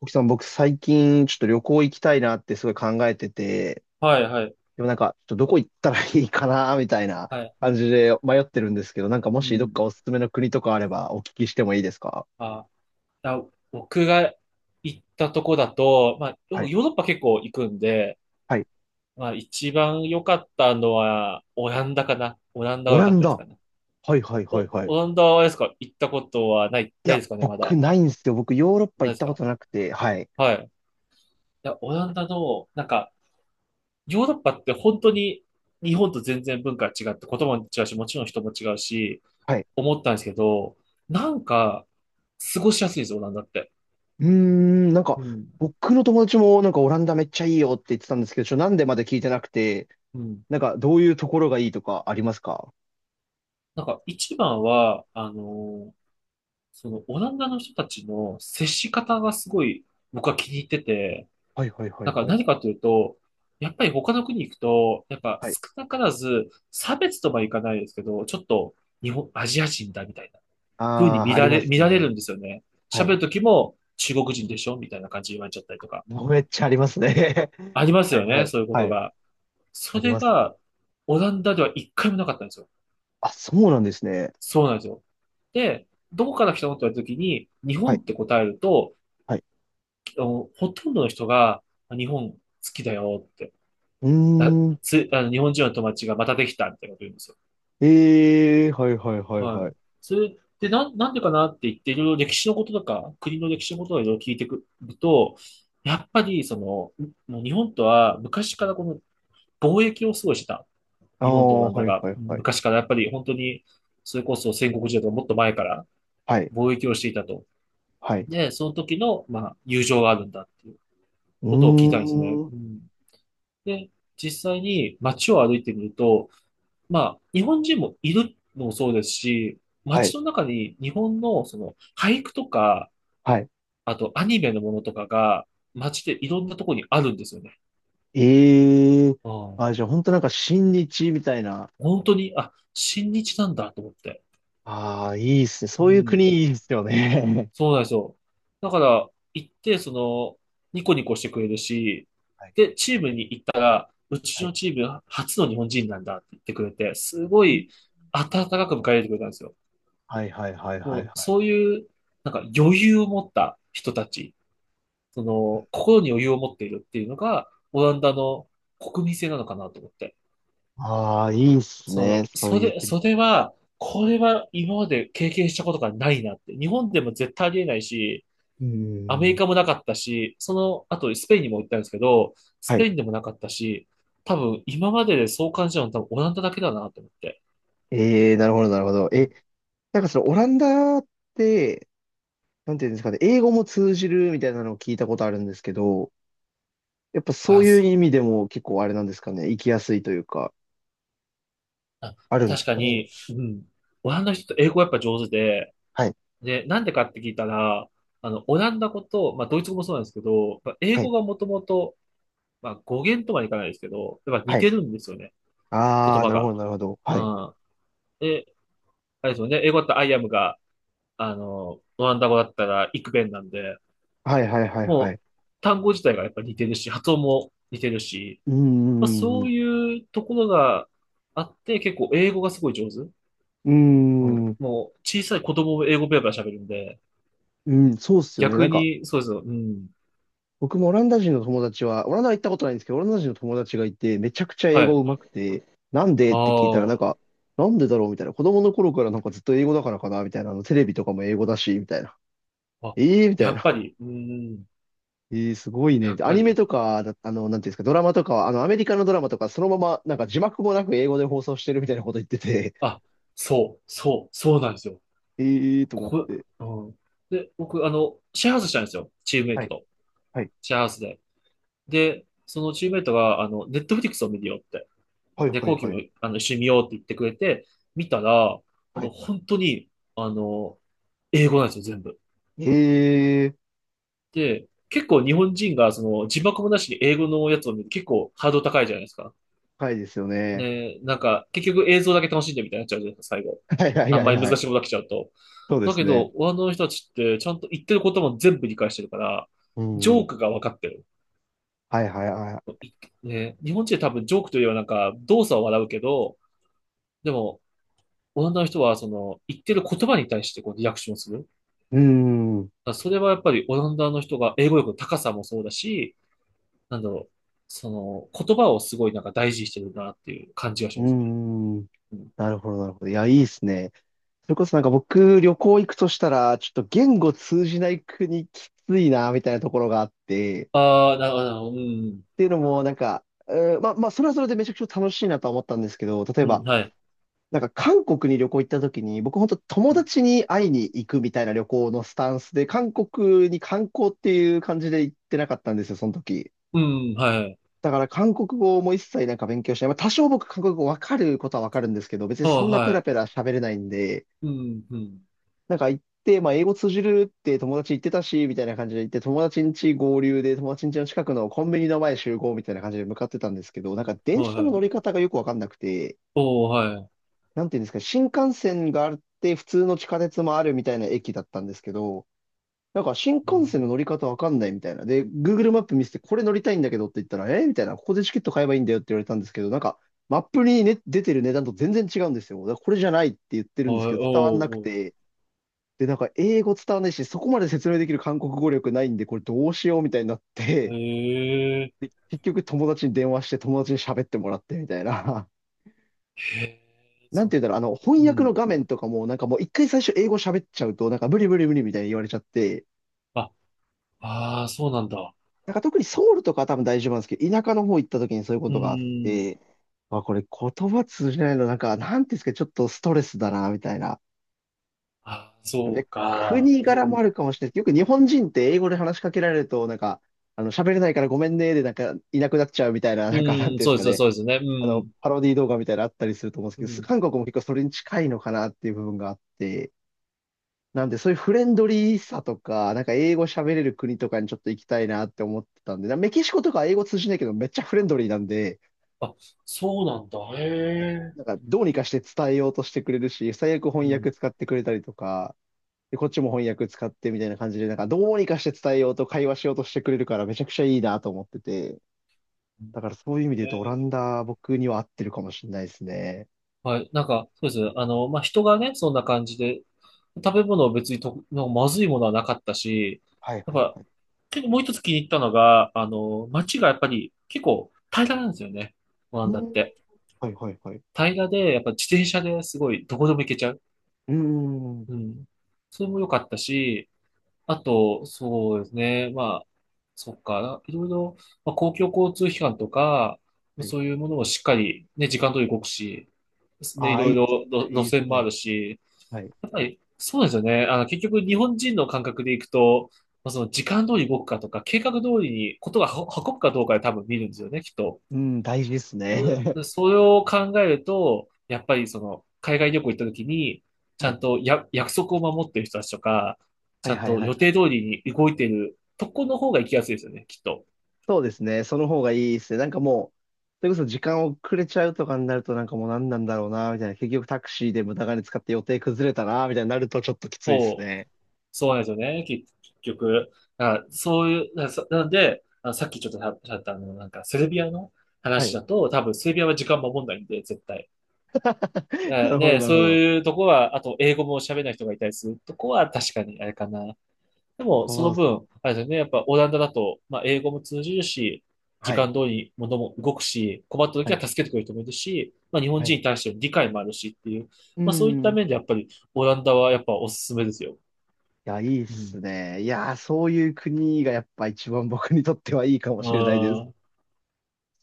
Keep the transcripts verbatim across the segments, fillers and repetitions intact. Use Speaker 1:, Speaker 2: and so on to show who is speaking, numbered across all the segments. Speaker 1: コキさん、僕最近ちょっと旅行行きたいなってすごい考えてて、
Speaker 2: はい、はい、
Speaker 1: でもなんか、ちょっとどこ行ったらいいかな、みたいな
Speaker 2: はい。
Speaker 1: 感じで迷ってるんですけど、なんかも
Speaker 2: う
Speaker 1: しどっ
Speaker 2: ん。
Speaker 1: かおすすめの国とかあればお聞きしてもいいですか？
Speaker 2: あ、だ僕が行ったとこだと、まあ、
Speaker 1: は
Speaker 2: ヨ
Speaker 1: い。
Speaker 2: ヨーロッパ結構行くんで、
Speaker 1: はい。
Speaker 2: まあ、一番良かったのは、オランダかな。オランダ
Speaker 1: オ
Speaker 2: が良
Speaker 1: ラ
Speaker 2: かっ
Speaker 1: ン
Speaker 2: たです
Speaker 1: ダ。
Speaker 2: かね。
Speaker 1: はいはいはい
Speaker 2: お、
Speaker 1: はい。い
Speaker 2: オランダはあれですか？行ったことはない、ない
Speaker 1: や、
Speaker 2: ですかね、まだ。
Speaker 1: 僕ないんですよ。僕ヨーロッパ
Speaker 2: ない
Speaker 1: 行っ
Speaker 2: です
Speaker 1: たこ
Speaker 2: か？
Speaker 1: となくて、はい。
Speaker 2: はい。いや、オランダの、なんか、ヨーロッパって本当に日本と全然文化が違って、言葉も違うし、もちろん人も違うし、
Speaker 1: はい。
Speaker 2: 思ったんですけど、なんか、過ごしやすいです、オランダって。
Speaker 1: うーん、なんか、
Speaker 2: うん。
Speaker 1: 僕の友達もなんかオランダめっちゃいいよって言ってたんですけど、ちょ、なんでまで聞いてなくて、
Speaker 2: うん。
Speaker 1: なんかどういうところがいいとかありますか？
Speaker 2: なんか一番は、あの、そのオランダの人たちの接し方がすごい僕は気に入ってて、
Speaker 1: はいはいは
Speaker 2: な
Speaker 1: い
Speaker 2: んか
Speaker 1: はい。
Speaker 2: 何かというと、やっぱり他の国行くと、やっぱ
Speaker 1: はい。
Speaker 2: 少なからず差別とはいかないですけど、ちょっと日本、アジア人だみたいな風に
Speaker 1: ああ、
Speaker 2: 見
Speaker 1: あ
Speaker 2: ら
Speaker 1: りま
Speaker 2: れ、
Speaker 1: す
Speaker 2: 見られる
Speaker 1: ね。
Speaker 2: んですよね。
Speaker 1: は
Speaker 2: 喋
Speaker 1: い。
Speaker 2: る時も中国人でしょみたいな感じで言われちゃったりとか。
Speaker 1: めっちゃありますね。
Speaker 2: ありま す
Speaker 1: はい、
Speaker 2: よ
Speaker 1: は
Speaker 2: ね、
Speaker 1: い、
Speaker 2: そういうこ
Speaker 1: は
Speaker 2: と
Speaker 1: い。
Speaker 2: が。そ
Speaker 1: あり
Speaker 2: れ
Speaker 1: ます。
Speaker 2: がオランダではいっかいもなかったんですよ。
Speaker 1: あ、そうなんですね。
Speaker 2: そうなんですよ。で、どこから来たのって言われた時に、日
Speaker 1: は
Speaker 2: 本
Speaker 1: い、
Speaker 2: って答えると、
Speaker 1: はい。
Speaker 2: あのほとんどの人が、あ日本好きだよって、
Speaker 1: う
Speaker 2: あ
Speaker 1: ーん。
Speaker 2: つ、あの、日本人の友達がまたできたみたいなこと言うんですよ。
Speaker 1: ええー、はい、はい、はい、
Speaker 2: は
Speaker 1: はい。
Speaker 2: い。それで、なん、なんでかなって言って、いろいろ歴史のこととか、国の歴史のことをいろいろ聞いてくると、やっぱり、その、もう日本とは昔からこの貿易をすごいしてた。
Speaker 1: あ
Speaker 2: 日本とオ
Speaker 1: あ、
Speaker 2: ランダ
Speaker 1: はい、
Speaker 2: が。
Speaker 1: はい、はい。
Speaker 2: 昔からやっぱり本当に、それこそ戦国時代とかもっと前から
Speaker 1: はい、
Speaker 2: 貿易をしていたと。
Speaker 1: はい。
Speaker 2: で、その時の、まあ、友情があるんだっていう
Speaker 1: う
Speaker 2: ことを聞いたんですね。
Speaker 1: ーん。
Speaker 2: うん、で、実際に街を歩いてみると、まあ、日本人もいるのもそうですし、
Speaker 1: は
Speaker 2: 街
Speaker 1: い、
Speaker 2: の中に日本のその俳句とか、
Speaker 1: はい。
Speaker 2: あとアニメのものとかが街でいろんなところにあるんですよね。
Speaker 1: ええー、
Speaker 2: うん、
Speaker 1: あ、じゃあ、本当なんか、親日みたいな。
Speaker 2: 本当に、あ、親日なんだと思って。
Speaker 1: ああ、いいっすね。
Speaker 2: う
Speaker 1: そういう
Speaker 2: ん、
Speaker 1: 国いいっすよね。
Speaker 2: そうなんですよ。だから、行って、その、ニコニコしてくれるし、
Speaker 1: はい、
Speaker 2: で、チームにうち
Speaker 1: はい。
Speaker 2: のチーム初の日本人なんだって言ってくれて、すごい温かく迎え入れてくれたんですよ。
Speaker 1: はい、はい、はい、はい、
Speaker 2: もう
Speaker 1: はい。
Speaker 2: そういう、なんか余裕を持った人たち、その心に余裕を持っているっていうのが、オランダの国民性なのかなと思って。
Speaker 1: ああ、いいっす
Speaker 2: そ
Speaker 1: ね。
Speaker 2: の、
Speaker 1: そう
Speaker 2: そ
Speaker 1: いう
Speaker 2: れ、
Speaker 1: 国。う
Speaker 2: それは、これは今まで経験したことがないなって。日本でも絶対ありえないし、
Speaker 1: ー
Speaker 2: アメリ
Speaker 1: ん。
Speaker 2: カもなかったし、その後スペインにも行ったんですけど、ス
Speaker 1: は
Speaker 2: ペ
Speaker 1: い。
Speaker 2: インでもなかったし、多分今まででそう感じたのは多分オランダだけだなと思って。
Speaker 1: ええ、なるほど、なるほど。
Speaker 2: う
Speaker 1: え、
Speaker 2: ん
Speaker 1: なんかそのオランダって、なんていうんですかね、英語も通じるみたいなのを聞いたことあるんですけど、やっぱそ
Speaker 2: あ、
Speaker 1: ういう
Speaker 2: す
Speaker 1: 意味でも結構あれなんですかね、行きやすいというか、
Speaker 2: あ
Speaker 1: あるんで
Speaker 2: 確
Speaker 1: す
Speaker 2: か
Speaker 1: かね。
Speaker 2: に、うん。オランダの人って英語やっぱ上手で、
Speaker 1: はい、
Speaker 2: で、なんでかって聞いたら、あの、オランダ語と、まあ、ドイツ語もそうなんですけど、まあ英
Speaker 1: は
Speaker 2: 語
Speaker 1: い、
Speaker 2: がもともと、まあ、語源とはいかないですけど、やっぱ
Speaker 1: は
Speaker 2: 似
Speaker 1: い。
Speaker 2: てるんですよね、
Speaker 1: あ
Speaker 2: 言
Speaker 1: あ、
Speaker 2: 葉
Speaker 1: なるほ
Speaker 2: が。
Speaker 1: ど、なるほど。はい。
Speaker 2: うん。で、あれですよね、英語だったらアイアムが、あの、オランダ語だったらイクベンなんで、
Speaker 1: はい、はい、はい、は
Speaker 2: もう、
Speaker 1: い。
Speaker 2: 単語自体がやっぱ似てるし、発音も似てるし、
Speaker 1: うー
Speaker 2: まあ、
Speaker 1: ん、
Speaker 2: そう
Speaker 1: う
Speaker 2: いうところがあって、結構英語がすごい上手。
Speaker 1: ー
Speaker 2: う
Speaker 1: ん、
Speaker 2: ん、
Speaker 1: うーん、
Speaker 2: もう、小さい子供も英語ペラペラ喋るんで、
Speaker 1: うん、そうっすよね。な
Speaker 2: 逆
Speaker 1: んか、
Speaker 2: に、そうですよ。うん。
Speaker 1: 僕もオランダ人の友達は、オランダは行ったことないんですけど、オランダ人の友達がいて、めちゃくちゃ英
Speaker 2: は
Speaker 1: 語
Speaker 2: い。
Speaker 1: 上手くて、なんでって聞いたら、な
Speaker 2: あ
Speaker 1: んか、なんでだろうみたいな。子供の頃からなんかずっと英語だからかなみたいな。あの、テレビとかも英語だし、みたいな。
Speaker 2: あ。あ、
Speaker 1: ええー、みた
Speaker 2: や
Speaker 1: い
Speaker 2: っ
Speaker 1: な。
Speaker 2: ぱり、うん。
Speaker 1: ええー、すごいね。
Speaker 2: や
Speaker 1: み
Speaker 2: っ
Speaker 1: たいな。ア
Speaker 2: ぱ
Speaker 1: ニメ
Speaker 2: り。
Speaker 1: とかだ、あの、なんていうんですか、ドラマとかは、あの、アメリカのドラマとか、そのまま、なんか字幕もなく英語で放送してるみたいなこと言ってて、
Speaker 2: あ、そう、そう、そうなんですよ。
Speaker 1: ええー、と思っ
Speaker 2: こ、
Speaker 1: て。
Speaker 2: うん。で、僕、あの、シェアハウスしたんですよ。チームメイ
Speaker 1: は
Speaker 2: ト
Speaker 1: い、
Speaker 2: と。
Speaker 1: はい、
Speaker 2: シェアハウスで。で、そのチームメイトが、あの、ネットフリックスを見るよって。
Speaker 1: はい、
Speaker 2: で、
Speaker 1: はい、
Speaker 2: 後期
Speaker 1: はい。
Speaker 2: も、あの、一緒に見ようって言ってくれて、見たら、あ
Speaker 1: は
Speaker 2: の、
Speaker 1: い。
Speaker 2: 本当に、あの、英語なんですよ、全部。
Speaker 1: ええー、
Speaker 2: で、結構日本人がその字幕もなしに英語のやつを見ると結構ハードル高いじゃないですか。
Speaker 1: 深いですよね。
Speaker 2: ね、なんか結局映像だけ楽しんでみたいになっちゃうじゃないですか、最後。
Speaker 1: はい、はい、
Speaker 2: あ
Speaker 1: は
Speaker 2: んま
Speaker 1: い、
Speaker 2: り
Speaker 1: は
Speaker 2: 難
Speaker 1: い。
Speaker 2: しいことが来ちゃうと。
Speaker 1: そうで
Speaker 2: だ
Speaker 1: す
Speaker 2: け
Speaker 1: ね。
Speaker 2: ど、あの人たちってちゃんと言ってることも全部理解してるから、
Speaker 1: う
Speaker 2: ジ
Speaker 1: ん。
Speaker 2: ョ
Speaker 1: は
Speaker 2: ークが分かってる。
Speaker 1: いはいはい。
Speaker 2: ね、日本人は多分ジョークというよりはなんか動作を笑うけど、でも、オランダの人はその言ってる言葉に対してこうリアクションする。だか
Speaker 1: うーん、う
Speaker 2: らそれはやっぱりオランダの人が英語力の高さもそうだし、なんだろう、その、言葉をすごいなんか大事にしてるなっていう感じがし
Speaker 1: ー
Speaker 2: ますね。
Speaker 1: ん。
Speaker 2: うん、
Speaker 1: なるほど、なるほど。いや、いいですね。それこそなんか僕、旅行行くとしたら、ちょっと言語通じない国きついな、みたいなところがあって、っ
Speaker 2: ああ、なるほど、うん、
Speaker 1: ていうのも、なんか、えーまあ、まあ、それはそれでめちゃくちゃ楽しいなとは思ったんですけど、例え
Speaker 2: うん、
Speaker 1: ば、
Speaker 2: はい。
Speaker 1: なんか韓国に旅行行った時に、僕本当友達に会いに行くみたいな旅行のスタンスで、韓国に観光っていう感じで行ってなかったんですよ、その時。
Speaker 2: うん、はい。
Speaker 1: だから韓国語も一切なんか勉強しない。まあ、多少僕韓国語わかることはわかるんですけど、別に
Speaker 2: あ
Speaker 1: そ
Speaker 2: あ、
Speaker 1: んなペラ
Speaker 2: は
Speaker 1: ペラ喋れないんで、
Speaker 2: い。うん、うん、
Speaker 1: なんか行って、まあ英語通じるって友達言ってたし、みたいな感じで行って、友達ん家合流で友達ん家の近くのコンビニの前集合みたいな感じで向かってたんですけど、なんか
Speaker 2: は
Speaker 1: 電
Speaker 2: い、
Speaker 1: 車
Speaker 2: は
Speaker 1: の乗り
Speaker 2: い。
Speaker 1: 方がよくわかんなくて、
Speaker 2: おお、はい。
Speaker 1: なんていうんですか、新幹線があって普通の地下鉄もあるみたいな駅だったんですけど、なんか新
Speaker 2: う
Speaker 1: 幹線の
Speaker 2: ん
Speaker 1: 乗り方わかんないみたいな。で、Google マップ見せて、これ乗りたいんだけどって言ったら、えーみたいな、ここでチケット買えばいいんだよって言われたんですけど、なんか、マップに、ね、出てる値段と全然違うんですよ。だからこれじゃないって言ってる
Speaker 2: は
Speaker 1: んですけ
Speaker 2: い、
Speaker 1: ど、伝わんなく
Speaker 2: おう、
Speaker 1: て。で、なんか、英語伝わんないし、そこまで説明できる韓国語力ないんで、これどうしようみたいになっ
Speaker 2: おう。
Speaker 1: て、
Speaker 2: へえ、
Speaker 1: で、結局友達に電話して、友達に喋ってもらってみたいな。
Speaker 2: へえ、
Speaker 1: なん
Speaker 2: そう、
Speaker 1: て言うんだろう、あの、翻
Speaker 2: う
Speaker 1: 訳の
Speaker 2: ん。
Speaker 1: 画面とかも、なんかもう一回最初英語喋っちゃうと、なんか無理無理無理みたいに言われちゃって、
Speaker 2: あ、ああはいうんうんはいはいおおはいうんはいおうおへえへえそううんあああそうなんだ。
Speaker 1: なんか特にソウルとかは多分大丈夫なんですけど、田舎の方行った時にそういうこ
Speaker 2: う
Speaker 1: とがあっ
Speaker 2: ん。
Speaker 1: て、あ、これ言葉通じないの、なんか、なんていうんですか、ちょっとストレスだな、みたいな。
Speaker 2: あ、そう
Speaker 1: で、
Speaker 2: か。
Speaker 1: 国
Speaker 2: う
Speaker 1: 柄もあ
Speaker 2: ん。
Speaker 1: るかもしれないです。よく日本人って英語で話しかけられると、なんか、あの、喋れないからごめんね、で、なんか、いなくなっちゃうみたいな、
Speaker 2: う
Speaker 1: なんか、なん
Speaker 2: ん、
Speaker 1: ていうんで
Speaker 2: そ
Speaker 1: す
Speaker 2: うで
Speaker 1: か
Speaker 2: す、
Speaker 1: ね。
Speaker 2: そうですね。う
Speaker 1: あの、
Speaker 2: ん。
Speaker 1: パロディ動画みたいなのあったりすると思うん
Speaker 2: う
Speaker 1: ですけど、
Speaker 2: ん。
Speaker 1: 韓国も結構それに近いのかなっていう部分があって、なんで、そういうフレンドリーさとか、なんか英語喋れる国とかにちょっと行きたいなって思ってたんで、なメキシコとか英語通じないけどめっちゃフレンドリーなんで、
Speaker 2: あ、そうなんだ。へえ。
Speaker 1: なんかどうにかして伝えようとしてくれるし、最悪
Speaker 2: う
Speaker 1: 翻
Speaker 2: ん。
Speaker 1: 訳使ってくれたりとか、で、こっちも翻訳使ってみたいな感じで、なんかどうにかして伝えようと会話しようとしてくれるからめちゃくちゃいいなと思ってて、
Speaker 2: へ
Speaker 1: だからそういう意味で言うとオラ
Speaker 2: え。
Speaker 1: ンダ僕には合ってるかもしれないですね。
Speaker 2: はい。なんか、そうです。あの、まあ、人がね、そんな感じで、食べ物は別にと、なんかまずいものはなかったし、
Speaker 1: はい
Speaker 2: やっ
Speaker 1: はい
Speaker 2: ぱ、
Speaker 1: はい。
Speaker 2: 結構もう一つ気に入ったのが、あの、街がやっぱり結構平らなんですよね。オラ
Speaker 1: う
Speaker 2: ン
Speaker 1: ー
Speaker 2: ダっ
Speaker 1: ん。
Speaker 2: て。
Speaker 1: はいはいはい。
Speaker 2: 平らで、やっぱ自転車でねすごいどこでも行けちゃう。
Speaker 1: うーん。
Speaker 2: うん。それも良かったし、あと、そうですね。まあ、そっか、いろいろ、まあ、公共交通機関とか、
Speaker 1: はい。
Speaker 2: そういうものをしっかりね、時間通り動くし、ね、い
Speaker 1: ああ、い
Speaker 2: ろい
Speaker 1: いです
Speaker 2: ろ路
Speaker 1: ね。い
Speaker 2: 路
Speaker 1: いで
Speaker 2: 線
Speaker 1: す
Speaker 2: もあ
Speaker 1: ね。
Speaker 2: るし、
Speaker 1: はい。
Speaker 2: はい、そうですよね。あの、結局日本人の感覚でいくと、まあ、その時間通り動くかとか、計画通りにことがは運ぶかどうかで多分見るんですよね、きっと。
Speaker 1: うん、大事ですね。
Speaker 2: でそれを考えると、やっぱりその海外旅行行った時に、ち
Speaker 1: は
Speaker 2: ゃ
Speaker 1: い。
Speaker 2: んとや約束を守ってる人たちとか、
Speaker 1: は
Speaker 2: ち
Speaker 1: い
Speaker 2: ゃん
Speaker 1: はい
Speaker 2: と
Speaker 1: はい
Speaker 2: 予
Speaker 1: はい。
Speaker 2: 定通りに動いてるとこの方が行きやすいですよね、きっと。
Speaker 1: そうですね。その方がいいですね。なんかもう、それこそ時間遅れちゃうとかになるとなんかもう何なんだろうな、みたいな。結局タクシーで無駄金使って予定崩れたな、みたいになるとちょっときついです
Speaker 2: そう
Speaker 1: ね。
Speaker 2: そうなんですよね、結結局。あ、そういう、な、そなので、あ、さっきちょっとしゃったあの、なんか、セルビアの
Speaker 1: は
Speaker 2: 話
Speaker 1: い。
Speaker 2: だと、多分、セルビアは時間守んないんで、絶対。
Speaker 1: な
Speaker 2: え
Speaker 1: るほど、
Speaker 2: ね、
Speaker 1: なるほ
Speaker 2: そう
Speaker 1: ど。
Speaker 2: いうとこは、あと、英語も喋れない人がいたりするとこは、確かにあれかな。でも、そ
Speaker 1: そう
Speaker 2: の
Speaker 1: っす。
Speaker 2: 分、あれですよね、やっぱ、オランダだと、まあ、英語も通じるし、時
Speaker 1: はい。
Speaker 2: 間通りに物も動くし、困った
Speaker 1: は
Speaker 2: 時は
Speaker 1: い。
Speaker 2: 助けてくれる人もいるし、まあ、日本
Speaker 1: はい。
Speaker 2: 人に対しての理解もあるしっていう、
Speaker 1: う
Speaker 2: まあ、そういった
Speaker 1: ん。
Speaker 2: 面
Speaker 1: い
Speaker 2: で、やっぱり、オランダはやっぱおすすめですよ。
Speaker 1: や、いいっ
Speaker 2: う
Speaker 1: す
Speaker 2: ん。
Speaker 1: ね。いや、そういう国がやっぱ一番僕にとってはいいかも
Speaker 2: う
Speaker 1: しれないです。
Speaker 2: ん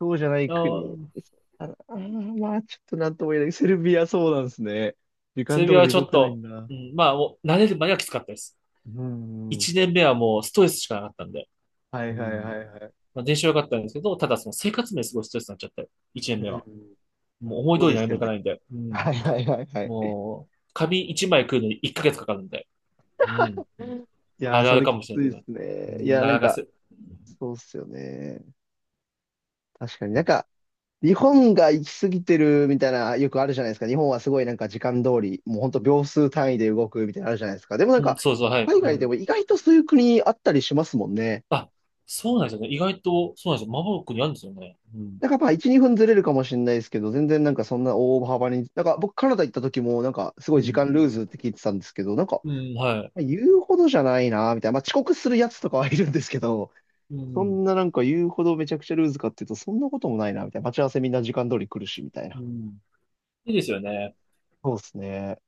Speaker 1: そうじゃない
Speaker 2: あ
Speaker 1: 国。
Speaker 2: ー
Speaker 1: あ、あー、まあ、ちょっとなんとも言えない。セルビアそうなんですね。時
Speaker 2: セ
Speaker 1: 間
Speaker 2: ルビ
Speaker 1: 通
Speaker 2: アは
Speaker 1: り
Speaker 2: ちょ
Speaker 1: 動
Speaker 2: っ
Speaker 1: かない
Speaker 2: と、
Speaker 1: んだ。
Speaker 2: うん、まあ、もう慣れるまではきつかったです。
Speaker 1: うん。
Speaker 2: 一年目はもうストレスしかなかったんで。
Speaker 1: は
Speaker 2: う
Speaker 1: いはい
Speaker 2: ん。
Speaker 1: はいはい。
Speaker 2: まあ、練習は良かったんですけど、ただその生活面すごいストレスになっちゃって、一
Speaker 1: う
Speaker 2: 年目は。
Speaker 1: ん。
Speaker 2: もう思い
Speaker 1: そ
Speaker 2: 通
Speaker 1: う
Speaker 2: り
Speaker 1: で
Speaker 2: に歩
Speaker 1: す
Speaker 2: め
Speaker 1: よ
Speaker 2: か
Speaker 1: ね。
Speaker 2: ないんで。うん。
Speaker 1: はいはいはいはい。
Speaker 2: もう、紙いちまい食うのにいっかげつかかるんで。うん。
Speaker 1: いや
Speaker 2: あ
Speaker 1: ー、
Speaker 2: るあ
Speaker 1: そ
Speaker 2: る
Speaker 1: れ
Speaker 2: か
Speaker 1: き
Speaker 2: もしれ
Speaker 1: つい
Speaker 2: ない
Speaker 1: で
Speaker 2: けど。
Speaker 1: すね。
Speaker 2: う
Speaker 1: い
Speaker 2: ん、
Speaker 1: やー、
Speaker 2: な
Speaker 1: な
Speaker 2: か
Speaker 1: ん
Speaker 2: なか
Speaker 1: か、
Speaker 2: せ、
Speaker 1: そうっすよね。確かになんか、日本が行き過ぎてるみたいな、よくあるじゃないですか。日本はすごいなんか時間通り、もうほんと秒数単位で動くみたいなのあるじゃないですか。でもなん
Speaker 2: うん、
Speaker 1: か、
Speaker 2: そうそう、はい。
Speaker 1: 海
Speaker 2: う
Speaker 1: 外で
Speaker 2: ん。
Speaker 1: も意外とそういう国あったりしますもんね。
Speaker 2: あ、そうなんですよね。意外と、そうなんですよ。マボロックにあるんですよね。うん。
Speaker 1: なんかまあいち、にふんずれるかもしれないですけど、全然なんかそんな大幅に、なんか僕カナダ行った時もなんかすご
Speaker 2: う
Speaker 1: い時
Speaker 2: ん。
Speaker 1: 間ルーズって聞いてたんですけど、なんか
Speaker 2: うん、はい。
Speaker 1: 言うほどじゃないな、みたいな。まあ遅刻するやつとかはいるんですけど、
Speaker 2: う
Speaker 1: そん
Speaker 2: ん。
Speaker 1: ななんか言うほどめちゃくちゃルーズかっていうと、そんなこともないな、みたいな。待ち合わせみんな時間通り来るし、みたい
Speaker 2: う
Speaker 1: な。
Speaker 2: ん。いいですよね。
Speaker 1: そうですね。